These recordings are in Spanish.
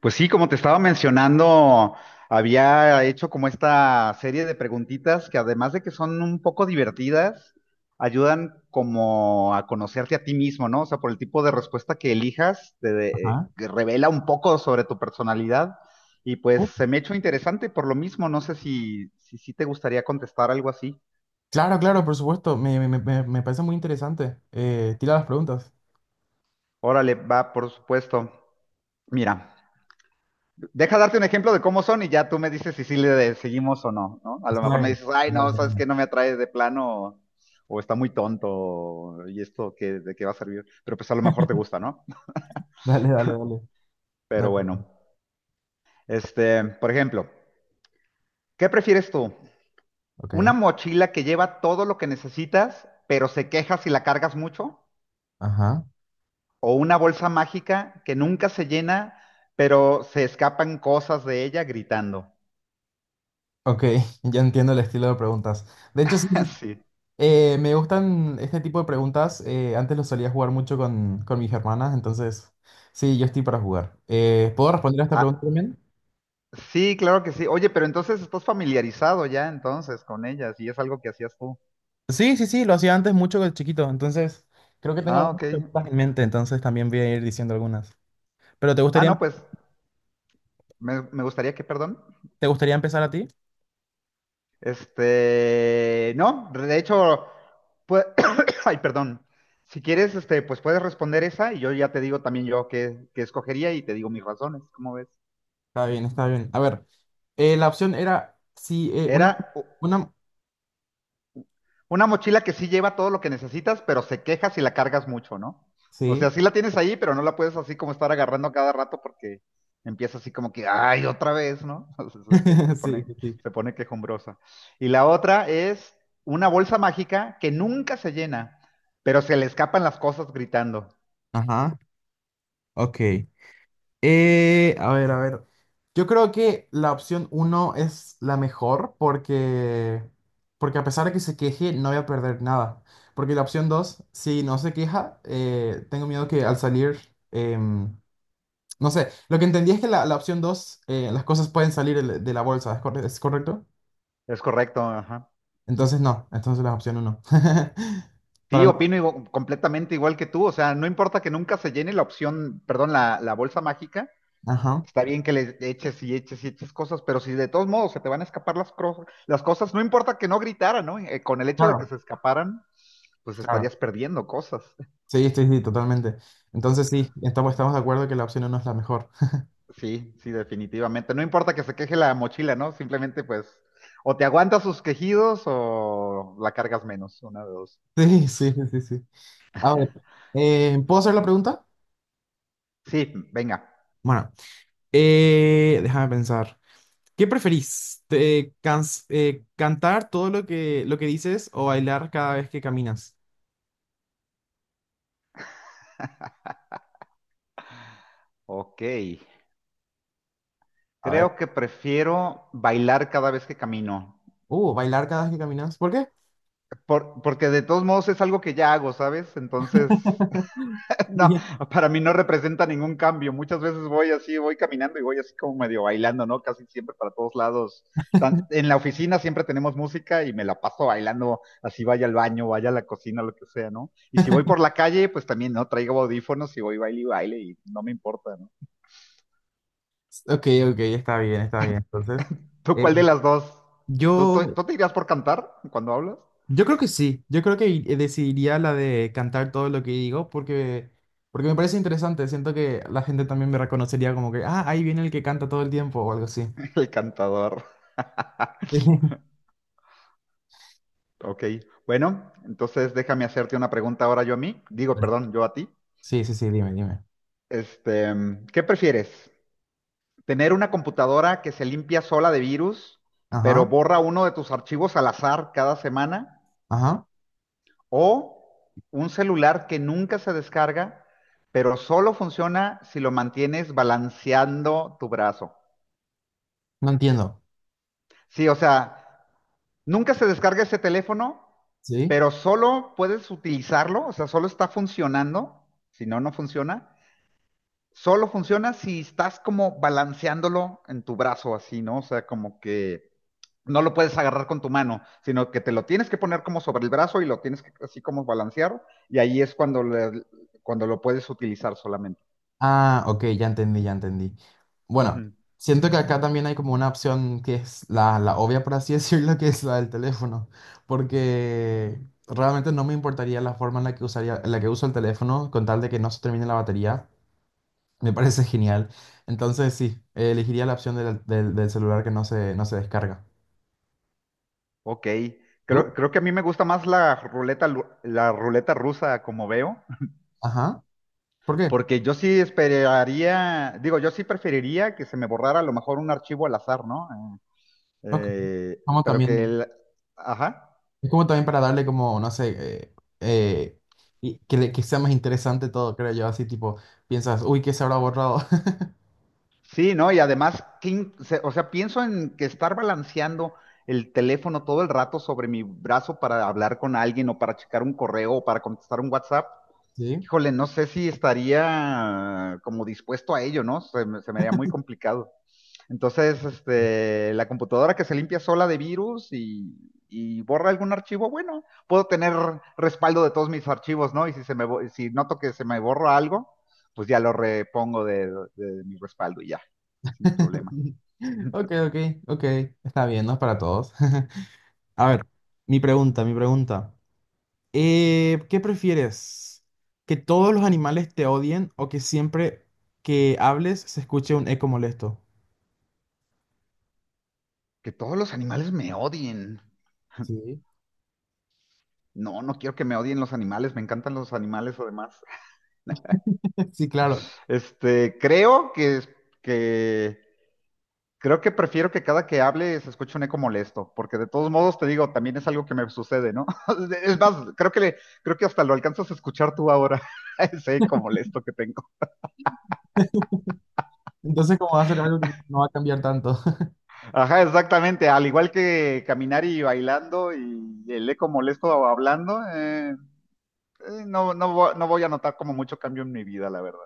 Pues sí, como te estaba mencionando, había hecho como esta serie de preguntitas que además de que son un poco divertidas, ayudan como a conocerte a ti mismo, ¿no? O sea, por el tipo de respuesta que elijas, Ah, que revela un poco sobre tu personalidad. Y oh, pues se me ha hecho interesante por lo mismo. No sé si te gustaría contestar algo así. claro, claro, por supuesto. Me parece muy interesante. Tira las preguntas. Órale, va, por supuesto. Mira. Deja darte un ejemplo de cómo son y ya tú me dices si sí le seguimos o no, ¿no? A lo Está mejor me bien. dices, ay, Dale, no, sabes que dale, no me atrae de plano o está muy tonto o, ¿y esto qué, de qué va a servir? Pero pues a lo mejor te gusta, ¿no? dale, dale. Dale. No Pero hay bueno, problema. Por ejemplo, ¿qué prefieres tú? Ok. ¿Una mochila que lleva todo lo que necesitas, pero se queja si la cargas mucho? Ajá. ¿O una bolsa mágica que nunca se llena, pero se escapan cosas de ella gritando? Ok, ya entiendo el estilo de preguntas. De hecho, sí, sí, Sí. Me gustan este tipo de preguntas. Antes lo solía jugar mucho con mis hermanas, entonces sí, yo estoy para jugar. ¿Puedo responder a esta pregunta A- también? Sí, claro que sí. Oye, pero entonces estás familiarizado ya entonces con ellas y es algo que hacías tú. Sí, sí, sí, lo hacía antes mucho de chiquito, entonces creo que tengo Ah, ok. algunas preguntas en mente, entonces también voy a ir diciendo algunas. ¿Pero Ah, no, pues me gustaría que, perdón. te gustaría empezar a ti? No, de hecho, pues, ay, perdón. Si quieres, pues puedes responder esa y yo ya te digo también yo qué escogería y te digo mis razones, ¿cómo ves? Está bien, está bien. A ver, la opción era, sí, una, Era una, una mochila que sí lleva todo lo que necesitas, pero se queja si la cargas mucho, ¿no? O sí, sea, sí la tienes ahí, pero no la puedes así como estar agarrando cada rato porque empieza así como que, ay, otra vez, ¿no? O sea, se sí, pone, sí, sí. se pone quejumbrosa. Y la otra es una bolsa mágica que nunca se llena, pero se le escapan las cosas gritando. Ajá, ok. A ver, a ver. Yo creo que la opción uno es la mejor porque a pesar de que se queje, no voy a perder nada. Porque la opción 2 si no se queja, tengo miedo que al salir, em, no sé, lo que entendí es que la opción 2 las cosas pueden salir de la bolsa, ¿ es correcto? Es correcto, ajá. Entonces no, entonces las opciones no. Para Sí, no. opino completamente igual que tú. O sea, no importa que nunca se llene la opción, perdón, la bolsa mágica, Ajá. está bien que le eches y eches y eches cosas, pero si de todos modos se te van a escapar las cosas, no importa que no gritaran, ¿no? Con el hecho de que Claro. se escaparan, pues Claro. estarías perdiendo cosas. Sí, estoy sí, totalmente. Entonces sí, estamos de acuerdo que la opción uno es la mejor. Sí, sí, definitivamente. No importa que se queje la mochila, ¿no? Simplemente pues o te aguantas sus quejidos o la cargas menos, una de dos. Sí, sí, sí, sí, sí. A ver, ¿puedo hacer la pregunta? Sí, venga. Bueno, déjame pensar. ¿Qué preferís? ¿Cantar todo lo que dices o bailar cada vez que caminas? Ok. A ver. Creo que prefiero bailar cada vez que camino, Bailar cada vez que caminas. ¿Por qué? Porque de todos modos es algo que ya hago, ¿sabes? Entonces... No, Yes. para mí no representa ningún cambio. Muchas veces voy así, voy caminando y voy así como medio bailando, ¿no? Casi siempre para todos lados. En la oficina siempre tenemos música y me la paso bailando, así vaya al baño, vaya a la cocina, lo que sea, ¿no? Y si voy por la calle, pues también, ¿no? Traigo audífonos y voy baile y baile y no me importa, ¿no? Ok, ok, está bien, está bien. Entonces, ¿Tú eh, cuál de las dos? ¿Tú, yo, tú- tú te irías por cantar cuando hablas? yo creo que sí, yo creo que decidiría la de cantar todo lo que digo porque me parece interesante, siento que la gente también me reconocería como que, ah, ahí viene el que canta todo el tiempo o algo así. El cantador. Ok, bueno, entonces déjame hacerte una pregunta ahora yo a mí. Digo, perdón, yo a ti. Sí, sí, sí, dime, dime. Este, ¿Qué prefieres? Tener una computadora que se limpia sola de virus, pero Ajá, borra uno de tus archivos al azar cada semana. ajá, O un celular que nunca se descarga, pero solo funciona si lo mantienes balanceando tu brazo. no entiendo. Sí, o sea, nunca se descarga ese teléfono, ¿Sí? pero solo puedes utilizarlo, o sea, solo está funcionando, si no, no funciona, solo funciona si estás como balanceándolo en tu brazo así, ¿no? O sea, como que no lo puedes agarrar con tu mano, sino que te lo tienes que poner como sobre el brazo y lo tienes que así como balancear y ahí es cuando, cuando lo puedes utilizar solamente. Ah, ok, ya entendí, ya entendí. Bueno, Ujú. siento que acá también hay como una opción que es la obvia, por así decirlo, que es la del teléfono, porque realmente no me importaría la forma en la que usaría, en la que uso el teléfono con tal de que no se termine la batería. Me parece genial. Entonces sí, elegiría la opción del celular que no se, no se descarga. Ok, ¿Tú? creo que a mí me gusta más la ruleta, la ruleta rusa como veo, Ajá. ¿Por qué? porque yo sí esperaría, digo, yo sí preferiría que se me borrara a lo mejor un archivo al azar, ¿no? Ok. Eh, Como pero que también, el... Ajá. es como también para darle como, no sé, eh, y que, que sea más interesante todo, creo yo. Así tipo, piensas, uy, ¿qué se habrá borrado? Sí, ¿no? Y además, o sea, pienso en que estar balanceando el teléfono todo el rato sobre mi brazo para hablar con alguien o para checar un correo o para contestar un WhatsApp. Sí. Híjole, no sé si estaría como dispuesto a ello, ¿no? Se me haría muy complicado. Entonces, la computadora que se limpia sola de virus y borra algún archivo, bueno, puedo tener respaldo de todos mis archivos, ¿no? Y si noto que se me borra algo, pues ya lo repongo de mi respaldo y ya, sin problema. Ok, ok, ok. Está bien, no es para todos. A ver, mi pregunta, mi pregunta. ¿Qué prefieres? ¿Que todos los animales te odien o que siempre que hables se escuche un eco molesto? Que todos los animales me odien. Sí. No, no quiero que me odien los animales, me encantan los animales además. Sí, claro. Creo que, creo que prefiero que cada que hable se escuche un eco molesto, porque de todos modos te digo, también es algo que me sucede, ¿no? Es más, creo que hasta lo alcanzas a escuchar tú ahora, ese eco molesto que tengo. ¿Entonces, como va a ser algo que no va a cambiar tanto? Ajá, exactamente, al igual que caminar y bailando y el eco molesto hablando, no, no voy a notar como mucho cambio en mi vida, la verdad.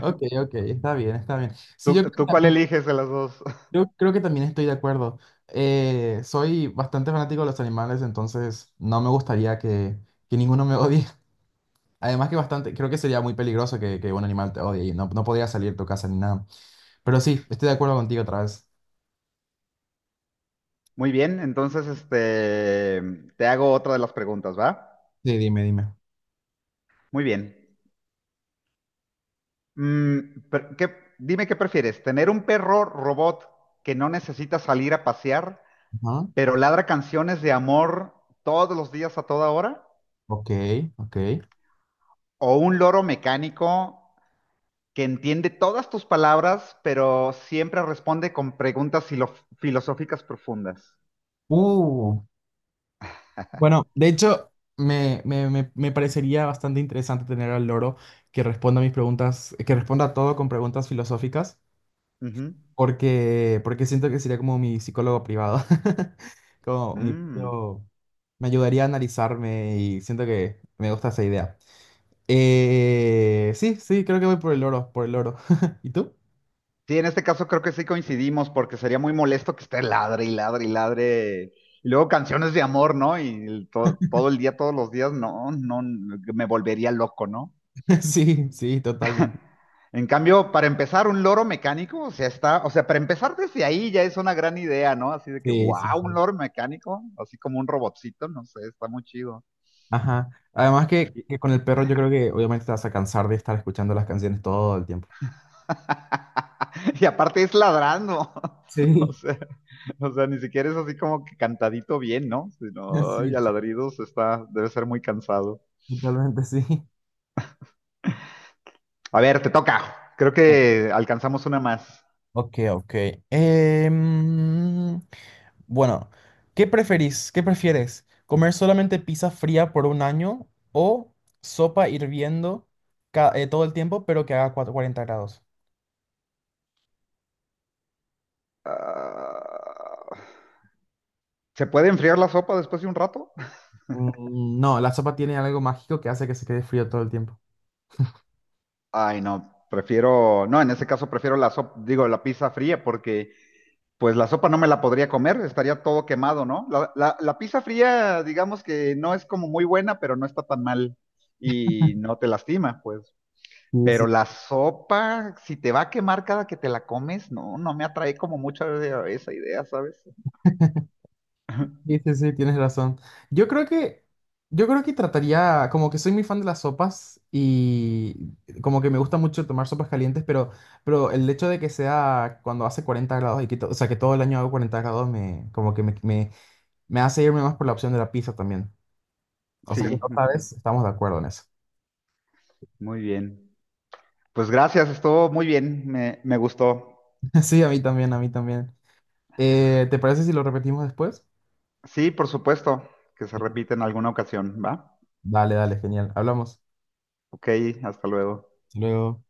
Ok, ok, está bien, está bien. Sí, ¿Tú, tú cuál eliges de las dos? yo creo que también estoy de acuerdo. Soy bastante fanático de los animales, entonces no me gustaría que ninguno me odie. Además que bastante, creo que sería muy peligroso que un animal te odie y no, no podría salir de tu casa ni nada. Pero sí, estoy de acuerdo contigo otra vez. Muy bien, entonces te hago otra de las preguntas, ¿va? Sí, dime, dime. Muy bien. Mm, pero dime qué prefieres, ¿tener un perro robot que no necesita salir a pasear, Ajá. pero ladra canciones de amor todos los días a toda hora, Ok, ok. o un loro mecánico que entiende todas tus palabras, pero siempre responde con preguntas filosóficas profundas? Uh, bueno, de hecho, me parecería bastante interesante tener al loro que responda a mis preguntas, que responda a todo con preguntas filosóficas, Ujú. Porque siento que sería como mi psicólogo privado. Como mi Mm. propio- me ayudaría a analizarme y siento que me gusta esa idea. Sí, sí, creo que voy por el loro, por el loro. ¿Y tú? Sí, en este caso creo que sí coincidimos, porque sería muy molesto que esté ladre y ladre y ladre. Y luego canciones de amor, ¿no? Y todo el día, todos los días, no, no, me volvería loco, ¿no? Sí, sí, totalmente. En cambio, para empezar, un loro mecánico, o sea, está, o sea, para empezar desde ahí ya es una gran idea, ¿no? Así de que, Sí, wow, sí, un sí. loro mecánico, así como un robotcito, no sé, está muy chido. Ajá. Además Y, que con el perro yo creo que obviamente te vas a cansar de estar escuchando las canciones todo el tiempo. y aparte es ladrando, o Sí, sea, o sea, ni siquiera es así como que cantadito bien, ¿no? Sino, ay, sí, a ladridos está, debe ser muy cansado. totalmente sí. A ver, te toca. Creo que alcanzamos una más. Ok, ok. Em, bueno, ¿qué preferís? ¿Qué prefieres? ¿Comer solamente pizza fría por un año o sopa hirviendo todo el tiempo, pero que haga 40 grados? Ah, ¿se puede enfriar la sopa después de un rato? Mm, mm, no, la sopa tiene algo mágico que hace que se quede frío todo el tiempo. Ay, no, prefiero, no, en ese caso prefiero la sopa, digo, la pizza fría, porque pues la sopa no me la podría comer, estaría todo quemado, ¿no? La pizza fría, digamos que no es como muy buena, pero no está tan mal y no te lastima, pues. Pero la sopa, si te va a quemar cada que te la comes, no, no me atrae como mucho esa idea, ¿sabes? Sí, sí, sí, tienes razón. Yo creo que, yo creo que trataría, como que soy muy fan de las sopas y como que me gusta mucho tomar sopas calientes, pero el hecho de que sea cuando hace 40 grados y o sea, que todo el año hago 40 grados, me, me hace irme más por la opción de la pizza también. O sea que Sí, otra ujú. vez estamos de acuerdo en eso. Muy bien. Pues gracias, estuvo muy bien, me gustó. Sí, a mí también, a mí también. ¿Te parece si lo repetimos después? Sí, por supuesto, que se Sí. repite en alguna ocasión, ¿va? Dale, dale, genial. Hablamos. Ok, hasta luego. Hasta luego.